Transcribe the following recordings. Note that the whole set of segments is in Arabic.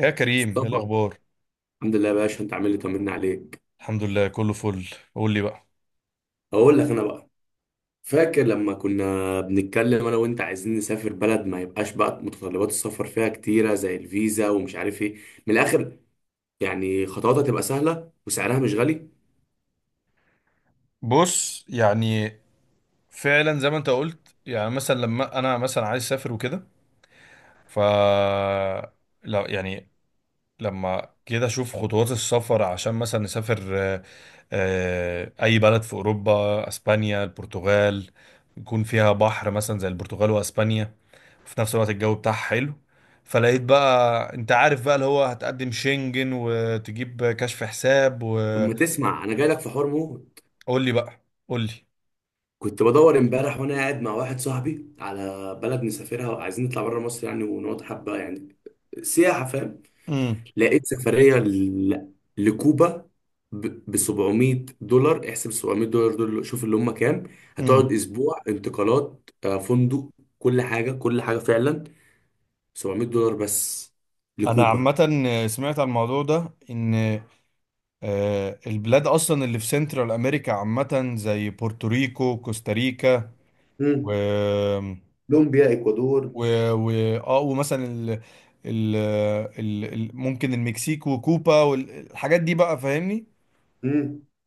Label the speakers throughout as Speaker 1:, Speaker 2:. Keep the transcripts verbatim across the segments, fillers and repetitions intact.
Speaker 1: يا كريم، ايه
Speaker 2: مصطفى.
Speaker 1: الاخبار؟
Speaker 2: الحمد لله يا باشا، انت عامل لي طمنا عليك.
Speaker 1: الحمد لله، كله فل. قول لي بقى.
Speaker 2: اقول لك انا بقى، فاكر لما كنا بنتكلم انا وانت عايزين نسافر بلد ما يبقاش بقى متطلبات السفر فيها كتيره زي الفيزا ومش عارف ايه. من الاخر، يعني خطواتها تبقى سهله وسعرها مش غالي.
Speaker 1: بص، يعني فعلا زي ما انت قلت، يعني مثلا لما انا مثلا عايز اسافر وكده. ف لا يعني لما كده اشوف خطوات السفر عشان مثلا نسافر، آه، آه، اي بلد في اوروبا، اسبانيا، البرتغال، يكون فيها بحر مثلا زي البرتغال واسبانيا. في نفس الوقت الجو بتاعها حلو. فلقيت بقى انت عارف بقى اللي هو هتقدم شنجن وتجيب كشف حساب.
Speaker 2: اما تسمع، انا جاي لك في حرمه.
Speaker 1: قول لي بقى، قول لي.
Speaker 2: كنت بدور امبارح وانا قاعد مع واحد صاحبي على بلد نسافرها، وعايزين نطلع بره مصر يعني ونقعد حبه، يعني سياحه، فاهم.
Speaker 1: امم
Speaker 2: لقيت سفرية ل... لكوبا ب سبعمئة دولار. احسب سبعمئة دولار دول، شوف اللي هم كام.
Speaker 1: امم
Speaker 2: هتقعد اسبوع، انتقالات، آه، فندق، كل حاجة كل حاجة فعلا. سبعمئة دولار بس
Speaker 1: انا
Speaker 2: لكوبا.
Speaker 1: عامه سمعت عن الموضوع ده، ان آه، البلاد اصلا اللي في سنترال امريكا عامه، زي بورتوريكو، كوستاريكا، و
Speaker 2: امم. كولومبيا، اكوادور.
Speaker 1: و و اه، ومثلا ال... ال... ال... ال... ممكن المكسيك وكوبا والحاجات دي بقى، فاهمني؟
Speaker 2: امم.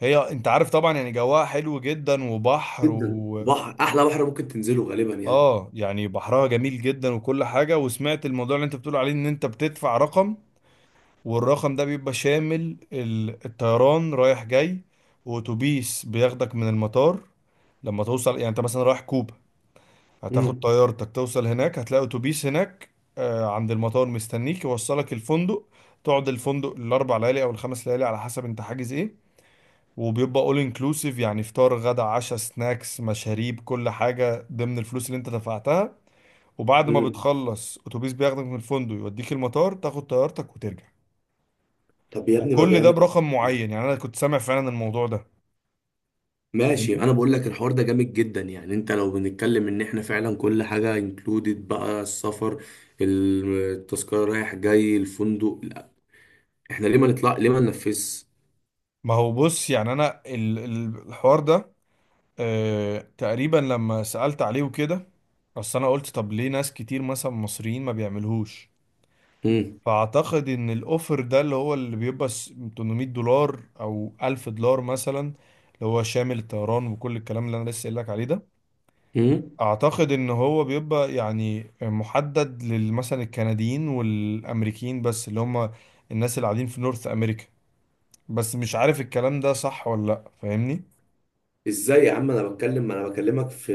Speaker 1: هي انت عارف طبعا يعني جواها حلو جدا، وبحر
Speaker 2: جدا،
Speaker 1: و
Speaker 2: بحر، احلى بحر ممكن تنزله غالبا يعني.
Speaker 1: اه. يعني بحرها جميل جدا وكل حاجه. وسمعت الموضوع اللي انت بتقول عليه، ان انت بتدفع رقم، والرقم ده بيبقى شامل ال- الطيران رايح جاي، واتوبيس بياخدك من المطار لما توصل. يعني انت مثلا رايح كوبا، هتاخد
Speaker 2: امم.
Speaker 1: طيارتك توصل هناك، هتلاقي اتوبيس هناك آه، عند المطار مستنيك يوصلك الفندق. تقعد الفندق الاربع ليالي او الخمس ليالي على حسب انت حاجز ايه، وبيبقى اول انكلوسيف، يعني فطار غدا عشاء سناكس مشاريب، كل حاجه ضمن الفلوس اللي انت دفعتها. وبعد ما
Speaker 2: امم.
Speaker 1: بتخلص اتوبيس بياخدك من الفندق يوديك المطار، تاخد طيارتك وترجع.
Speaker 2: طب يا ابني، ما
Speaker 1: وكل ده
Speaker 2: جامد.
Speaker 1: برقم معين. يعني انا كنت سامع فعلا الموضوع ده،
Speaker 2: ماشي،
Speaker 1: فاهمني؟
Speaker 2: انا بقول لك الحوار ده جامد جدا، يعني انت لو بنتكلم ان احنا فعلا كل حاجه انكلودed بقى، السفر، التذكره رايح جاي، الفندق، لا احنا ليه ما نطلع؟ ليه ما ننفذش؟
Speaker 1: ما هو بص، يعني انا ال- ال- الحوار ده، آه تقريبا لما سألت عليه وكده. اصل انا قلت طب ليه ناس كتير مثلا مصريين ما بيعملوهوش؟
Speaker 2: امم.
Speaker 1: فاعتقد ان الاوفر ده اللي هو اللي بيبقى س- تمنمية دولار او ألف دولار مثلا، اللي هو شامل الطيران وكل الكلام اللي انا لسه قايل لك عليه ده،
Speaker 2: امم.
Speaker 1: اعتقد ان هو بيبقى يعني محدد للمثلا الكنديين والامريكيين بس، اللي هم الناس اللي قاعدين في نورث امريكا. بس مش عارف الكلام ده صح ولا لا، فاهمني؟
Speaker 2: ازاي يا عم؟ انا بتكلم، ما انا بكلمك في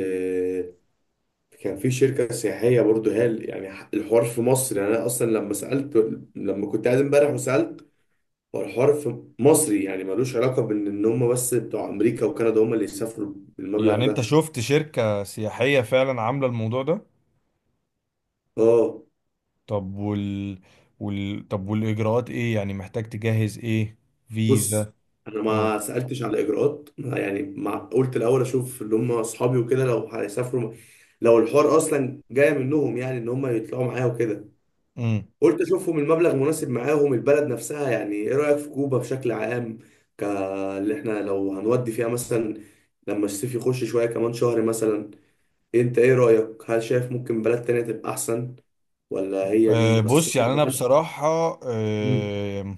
Speaker 2: كان في شركه سياحيه برضو هال، يعني ح- الحوار في مصر، يعني انا اصلا لما سالت، لما كنت قاعد امبارح وسالت، هو الحوار في مصري يعني، ملوش علاقه بان ان هم بس بتوع امريكا وكندا هم اللي يسافروا بالمبلغ
Speaker 1: يعني انت
Speaker 2: ده.
Speaker 1: شفت شركة سياحية فعلا عاملة الموضوع ده؟
Speaker 2: اه.
Speaker 1: طب وال... وال... طب والاجراءات ايه؟ يعني محتاج تجهز ايه؟
Speaker 2: بص،
Speaker 1: فيزا؟
Speaker 2: انا
Speaker 1: اه.
Speaker 2: ما سالتش على الاجراءات، يعني ما قلت الاول اشوف اللي هم اصحابي وكده لو هيسافروا، لو الحوار اصلا جاي منهم يعني، ان هم يطلعوا معايا وكده.
Speaker 1: امم.
Speaker 2: قلت اشوفهم المبلغ مناسب معاهم، البلد نفسها، يعني ايه رايك في كوبا بشكل عام؟ ك اللي احنا لو هنودي فيها مثلا لما الصيف يخش شويه، كمان شهر مثلا. انت ايه رايك، هل شايف ممكن بلد تانية تبقى احسن، ولا هي دي
Speaker 1: آه
Speaker 2: اصلا
Speaker 1: بص، يعني انا
Speaker 2: دخلت؟
Speaker 1: بصراحة،
Speaker 2: امم.
Speaker 1: آه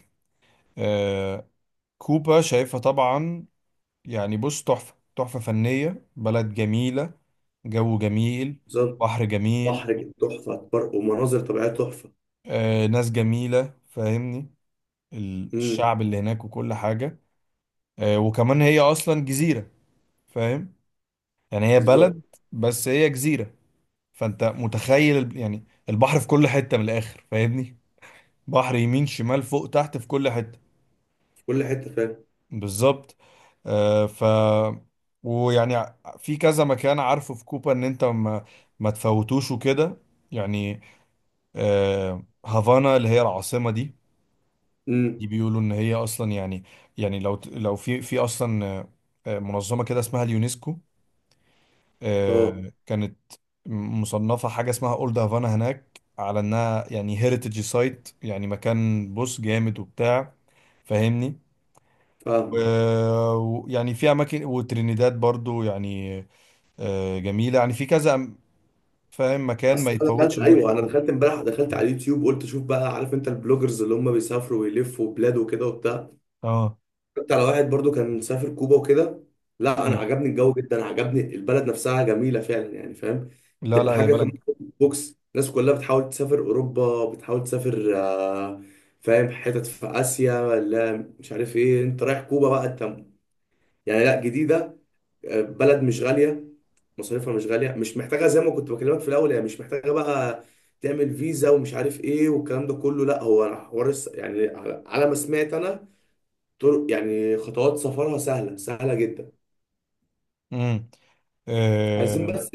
Speaker 1: آه كوبا شايفها طبعا، يعني بص تحفة، تحفة فنية، بلد جميلة، جو جميل،
Speaker 2: بالظبط.
Speaker 1: بحر جميل،
Speaker 2: بحر تحفه، بر- ومناظر طبيعيه تحفه.
Speaker 1: آه، ناس جميلة، فاهمني؟ ال-
Speaker 2: امم.
Speaker 1: الشعب اللي هناك وكل حاجة. آه، وكمان هي أصلا جزيرة، فاهم؟ يعني هي بلد،
Speaker 2: بالظبط.
Speaker 1: بس هي جزيرة. فأنت متخيل ال- يعني البحر في كل حتة من الآخر، فاهمني؟ بحر يمين شمال فوق تحت، في كل حتة.
Speaker 2: في كل حته، فاهم.
Speaker 1: بالظبط. آه، ف ويعني ع- في كذا مكان عارفه في كوبا ان انت ما, ما تفوتوش وكده. يعني آه، هافانا اللي هي العاصمة دي، دي
Speaker 2: امم.
Speaker 1: بيقولوا ان هي اصلا يعني، يعني لو ت- لو في في اصلا، آه، آه، منظمة كده اسمها اليونسكو،
Speaker 2: اه،
Speaker 1: آه، كانت م- مصنفة حاجة اسمها اولد هافانا هناك، على انها يعني هيريتج سايت، يعني مكان بص جامد وبتاع، فاهمني؟
Speaker 2: فاهم.
Speaker 1: و- ويعني في اماكن، وترينيداد برضو يعني آه، جميله. يعني في كذا أم- فاهم مكان ما
Speaker 2: اصل انا
Speaker 1: يتفوتش
Speaker 2: دخلت،
Speaker 1: هناك في
Speaker 2: ايوه انا
Speaker 1: كوبا.
Speaker 2: دخلت امبارح، دخلت على اليوتيوب، قلت اشوف بقى، عارف انت البلوجرز اللي هم بيسافروا ويلفوا بلاد وكده وبتاع،
Speaker 1: اه.
Speaker 2: كنت على واحد برضو كان مسافر كوبا وكده. لا، انا
Speaker 1: مم.
Speaker 2: عجبني الجو جدا، عجبني البلد نفسها جميله فعلا يعني، فاهم.
Speaker 1: لا
Speaker 2: تبقى
Speaker 1: لا يا
Speaker 2: حاجه كمان،
Speaker 1: بلد.
Speaker 2: بوكس الناس كلها بتحاول تسافر اوروبا، بتحاول تسافر، آه، فاهم، حتت في اسيا ولا مش عارف ايه، انت رايح كوبا بقى انت، يعني. لا، جديده، بلد مش غاليه، مصاريفها مش غاليه، مش محتاجه زي ما كنت بكلمك في الاول، هي مش محتاجه بقى تعمل فيزا ومش عارف ايه والكلام ده كله. لا، هو حوار الس- يعني، على على ما سمعت انا، طرق يعني خطوات سفرها سهله سهله جدا.
Speaker 1: مم.
Speaker 2: عايزين
Speaker 1: آه،
Speaker 2: بس،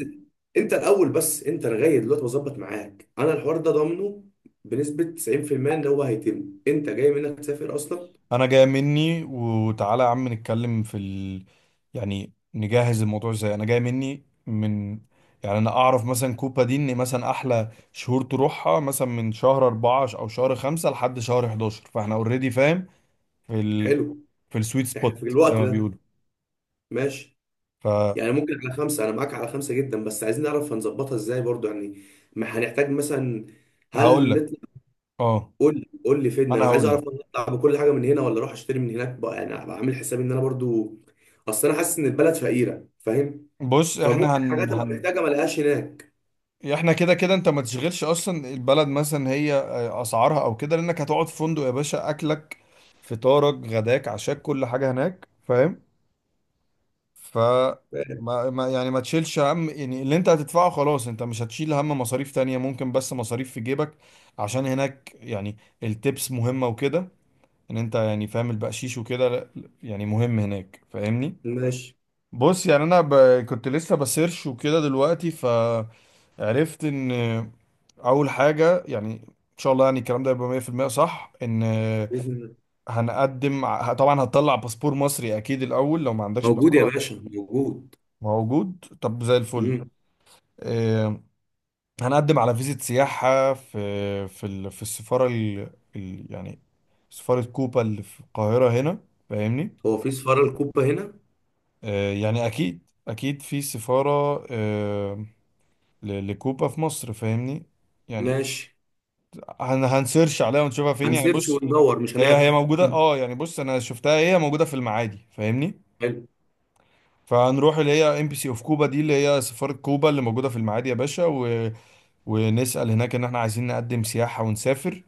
Speaker 2: انت الاول، بس انت لغايه دلوقتي بظبط معاك انا الحوار ده ضامنه بنسبه تسعين في المية؟ ان هو هيتم، انت جاي منك تسافر اصلا؟
Speaker 1: انا جاي مني. وتعالى يا عم نتكلم في ال... يعني نجهز الموضوع ازاي. انا جاي مني. من يعني انا اعرف مثلا كوبا دي، ان مثلا احلى شهور تروحها مثلا من شهر أربعة او شهر خمسة لحد شهر حداشر، فاحنا اوريدي فاهم في ال...
Speaker 2: حلو.
Speaker 1: في السويت
Speaker 2: احنا في
Speaker 1: سبوت زي
Speaker 2: الوقت
Speaker 1: ما
Speaker 2: ده.
Speaker 1: بيقولوا.
Speaker 2: ماشي، يعني ممكن على خمسة، أنا معاك على خمسة جدا، بس عايزين نعرف هنظبطها إزاي برضو، يعني ما هنحتاج مثلا.
Speaker 1: فهقول
Speaker 2: هل
Speaker 1: لك.
Speaker 2: نطلع؟
Speaker 1: اه
Speaker 2: قول لي قول لي فين،
Speaker 1: انا
Speaker 2: أنا عايز
Speaker 1: هقول لك.
Speaker 2: أعرف، أنا أطلع بكل حاجة من هنا ولا أروح أشتري من هناك بقى، يعني أبقى عامل حسابي إن أنا برضو أصل أنا حاسس إن البلد فقيرة، فاهم،
Speaker 1: بص،
Speaker 2: فممكن
Speaker 1: احنا هن
Speaker 2: حاجات أبقى
Speaker 1: هن
Speaker 2: محتاجة ما ألاقيهاش هناك.
Speaker 1: احنا كده كده انت ما تشغلش اصلا البلد مثلا، هي آه، اسعارها او كده، لانك هتقعد في فندق يا باشا. اكلك، فطارك، غداك، عشاك، كل حاجه هناك، فاهم؟ ف ما ما- يعني ما تشيلش هم. يعني اللي انت هتدفعه خلاص، انت مش هتشيل هم مصاريف تانية، ممكن بس مصاريف في جيبك عشان هناك. يعني التبس مهمة وكده، ان انت يعني فاهم البقشيش وكده لا- يعني مهم هناك، فاهمني؟
Speaker 2: ماشي.
Speaker 1: بص يعني انا ب... كنت لسه بسيرش وكده دلوقتي، فعرفت ان اول حاجه يعني ان شاء الله يعني الكلام ده يبقى مية في المية صح، ان
Speaker 2: بإذن الله.
Speaker 1: هنقدم ع- طبعا هتطلع باسبور مصري اكيد الاول لو ما عندكش
Speaker 2: موجود يا
Speaker 1: باسبور.
Speaker 2: باشا، موجود.
Speaker 1: موجود، طب زي الفل.
Speaker 2: مم.
Speaker 1: آه، هنقدم على فيزة سياحه في في ال... في السفاره ال... ال... يعني سفاره كوبا اللي في القاهره هنا، فاهمني؟
Speaker 2: هو في سفارة الكوبا هنا؟
Speaker 1: آه، يعني اكيد، اكيد في سفاره ل- لكوبا في مصر، فاهمني؟ يعني
Speaker 2: ماشي،
Speaker 1: هن هنسيرش عليها ونشوفها فين. يعني
Speaker 2: هنسيرش
Speaker 1: بص،
Speaker 2: وندور، مش
Speaker 1: هي هي
Speaker 2: هنعطل.
Speaker 1: موجودة. اه يعني بص انا شفتها، هي موجودة في المعادي، فاهمني؟
Speaker 2: حلو.
Speaker 1: فهنروح اللي هي ام بي سي اوف كوبا دي، اللي هي سفارة كوبا اللي موجودة في المعادي يا باشا، و... ونسأل هناك ان احنا عايزين نقدم سياحة ونسافر.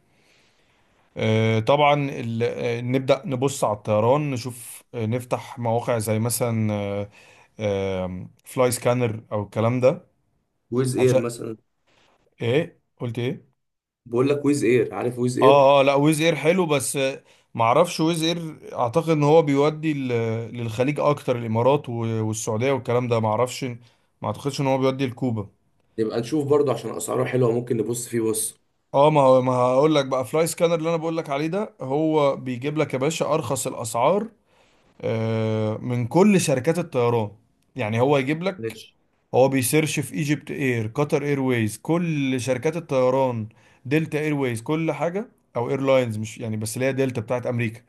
Speaker 1: آه، طبعا ال... آه، نبدأ نبص على الطيران، نشوف، آه، نفتح مواقع زي مثلا فلاي سكانر او الكلام ده،
Speaker 2: ويز إير
Speaker 1: عشان،
Speaker 2: مثلا؟
Speaker 1: ايه قلت ايه؟
Speaker 2: بقول لك ويز إير، عارف ويز إير؟
Speaker 1: اه اه لا، ويز اير حلو بس. معرفش ويز اير، اعتقد ان هو بيودي ل- للخليج اكتر، الامارات و- والسعوديه والكلام ده. معرفش، ما اعتقدش ان هو بيودي لكوبا.
Speaker 2: نبقى نشوف برضه عشان اسعاره حلوه، ممكن نبص فيه، بص.
Speaker 1: اه، ما هو- ما هقول لك بقى. فلاي سكانر اللي انا بقول لك عليه ده، هو بيجيب لك يا باشا ارخص الاسعار آه، من كل شركات الطيران. يعني هو يجيب لك،
Speaker 2: ماشي.
Speaker 1: هو بيسيرش في ايجيبت اير، قطر ايرويز، كل شركات الطيران. دلتا ايرويز، كل حاجه. او ايرلاينز، مش يعني بس اللي هي دلتا بتاعت امريكا.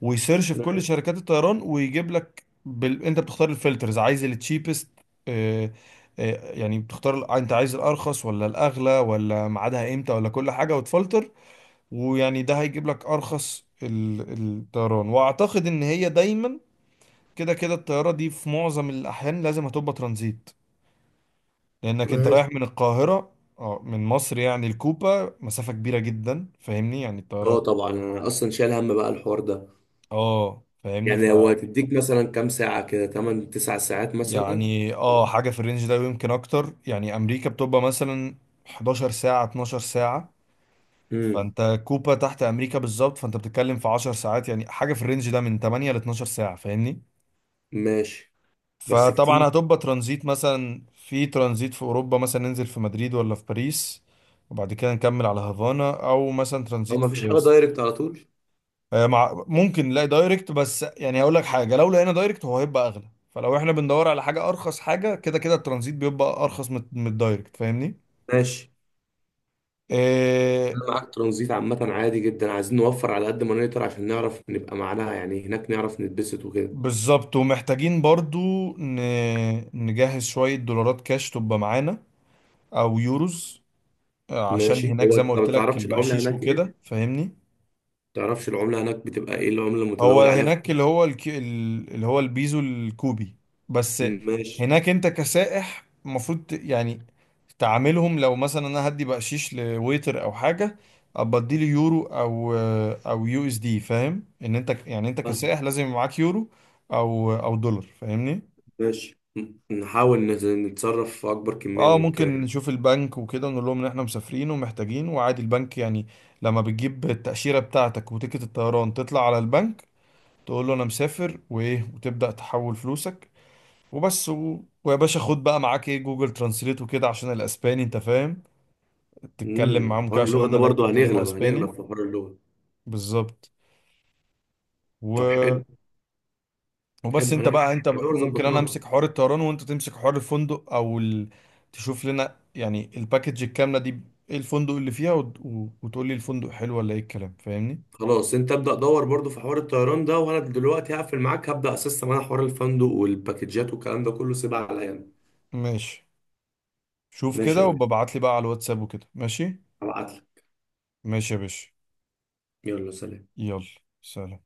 Speaker 1: ويسيرش في كل شركات الطيران ويجيب لك بال... انت بتختار الفلترز، عايز التشيبست، يعني بتختار ال- انت عايز الارخص ولا الاغلى ولا ميعادها امتى ولا كل حاجه، وتفلتر. ويعني ده هيجيب لك ارخص ال... الطيران. واعتقد ان هي دايما كده كده الطياره دي في معظم الاحيان لازم هتبقى ترانزيت، لانك انت
Speaker 2: ماشي
Speaker 1: رايح من القاهره، اه من مصر يعني الكوبا، مسافه كبيره جدا، فاهمني؟ يعني
Speaker 2: اه،
Speaker 1: الطياره،
Speaker 2: طبعا انا اصلا شايل هم بقى الحوار ده،
Speaker 1: اه فاهمني ف
Speaker 2: يعني هو هتديك مثلا كام ساعه كده، تمانية تسعة ساعات مثلا.
Speaker 1: يعني اه حاجه في الرينج ده، ويمكن اكتر، يعني امريكا بتبقى مثلا حداشر ساعه، اتناشر ساعه.
Speaker 2: امم.
Speaker 1: فانت كوبا تحت امريكا بالظبط، فانت بتتكلم في 10 ساعات، يعني حاجه في الرينج ده من ثمانية ل اتناشر ساعه، فاهمني؟
Speaker 2: ماشي. بس
Speaker 1: فطبعا
Speaker 2: كتير.
Speaker 1: هتبقى ترانزيت، مثلا في ترانزيت في اوروبا، مثلا ننزل في مدريد ولا في باريس، وبعد كده نكمل على هافانا. او مثلا
Speaker 2: او
Speaker 1: ترانزيت
Speaker 2: مفيش
Speaker 1: في،
Speaker 2: حاجه دايركت على طول؟
Speaker 1: آه، مع ممكن نلاقي دايركت، بس يعني هقول لك حاجه، لو لقينا دايركت هو هيبقى اغلى. فلو احنا بندور على حاجه ارخص، حاجه كده كده الترانزيت بيبقى ارخص من من الدايركت، فاهمني؟
Speaker 2: ماشي،
Speaker 1: إيه.
Speaker 2: انا معاك ترانزيت، عامه عادي جدا، عايزين نوفر على قد ما نقدر، عشان نعرف نبقى معناها يعني هناك نعرف نتبسط وكده.
Speaker 1: بالظبط. ومحتاجين برضو ن... نجهز شويه دولارات كاش تبقى معانا، او يوروز، آه، عشان
Speaker 2: ماشي.
Speaker 1: هناك
Speaker 2: هو
Speaker 1: زي ما
Speaker 2: انت ما
Speaker 1: قلت لك
Speaker 2: تعرفش العمله
Speaker 1: البقشيش
Speaker 2: هناك ايه، ما
Speaker 1: وكده، فاهمني؟
Speaker 2: تعرفش العمله هناك بتبقى ايه؟ العمله
Speaker 1: هو
Speaker 2: المتداول عليها في...
Speaker 1: هناك اللي هو الكي... ال- اللي هو البيزو الكوبي بس.
Speaker 2: ماشي.
Speaker 1: هناك انت كسائح المفروض ت- يعني تعاملهم، لو مثلا انا هدي بقشيش لويتر او حاجه، ابقى اديله يورو او، او يو اس دي، فاهم؟ ان انت ك- يعني انت
Speaker 2: آه.
Speaker 1: كسائح لازم يبقى معاك يورو او، او دولار، فاهمني؟
Speaker 2: ماشي، م- نحاول نت- نتصرف في أكبر كمية
Speaker 1: اه، ممكن
Speaker 2: ممكنة.
Speaker 1: نشوف البنك وكده ونقول لهم ان احنا مسافرين ومحتاجين. وعادي البنك، يعني لما بتجيب التأشيرة بتاعتك وتيكت الطيران، تطلع على البنك تقول له انا مسافر وايه، وتبدأ تحول فلوسك وبس. و... ويا باشا خد بقى معاك ايه جوجل ترانسليت وكده عشان الاسباني، انت فاهم، تتكلم
Speaker 2: امم.
Speaker 1: معاهم
Speaker 2: حوار
Speaker 1: كده عشان
Speaker 2: اللغة
Speaker 1: هم
Speaker 2: ده
Speaker 1: هناك
Speaker 2: برضو،
Speaker 1: بيتكلموا
Speaker 2: هنغلب هنغلب
Speaker 1: اسباني.
Speaker 2: في حوار اللغة.
Speaker 1: بالظبط.
Speaker 2: طب
Speaker 1: و...
Speaker 2: حلو.
Speaker 1: وبس
Speaker 2: حلو،
Speaker 1: انت
Speaker 2: انا
Speaker 1: بقى انت ب...
Speaker 2: يعتبر
Speaker 1: ممكن انا
Speaker 2: ظبطناهم.
Speaker 1: امسك حوار الطيران وانت تمسك حوار الفندق او ال... تشوف لنا يعني الباكج الكاملة دي، ايه الفندق اللي فيها، وت... و... وتقول لي الفندق حلو ولا ايه الكلام، فاهمني؟
Speaker 2: خلاص، انت ابدأ دور برضو في حوار الطيران ده، وانا دلوقتي هقفل معاك، هبدأ اسيستم انا حوار الفندق والباكجات والكلام ده كله، سيبها عليا أنا.
Speaker 1: ماشي، شوف
Speaker 2: ماشي يا
Speaker 1: كده
Speaker 2: باشا،
Speaker 1: وببعت لي بقى على الواتساب وكده. ماشي،
Speaker 2: هبعتلك.
Speaker 1: ماشي يا باشا،
Speaker 2: يلا سلام.
Speaker 1: يلا سلام.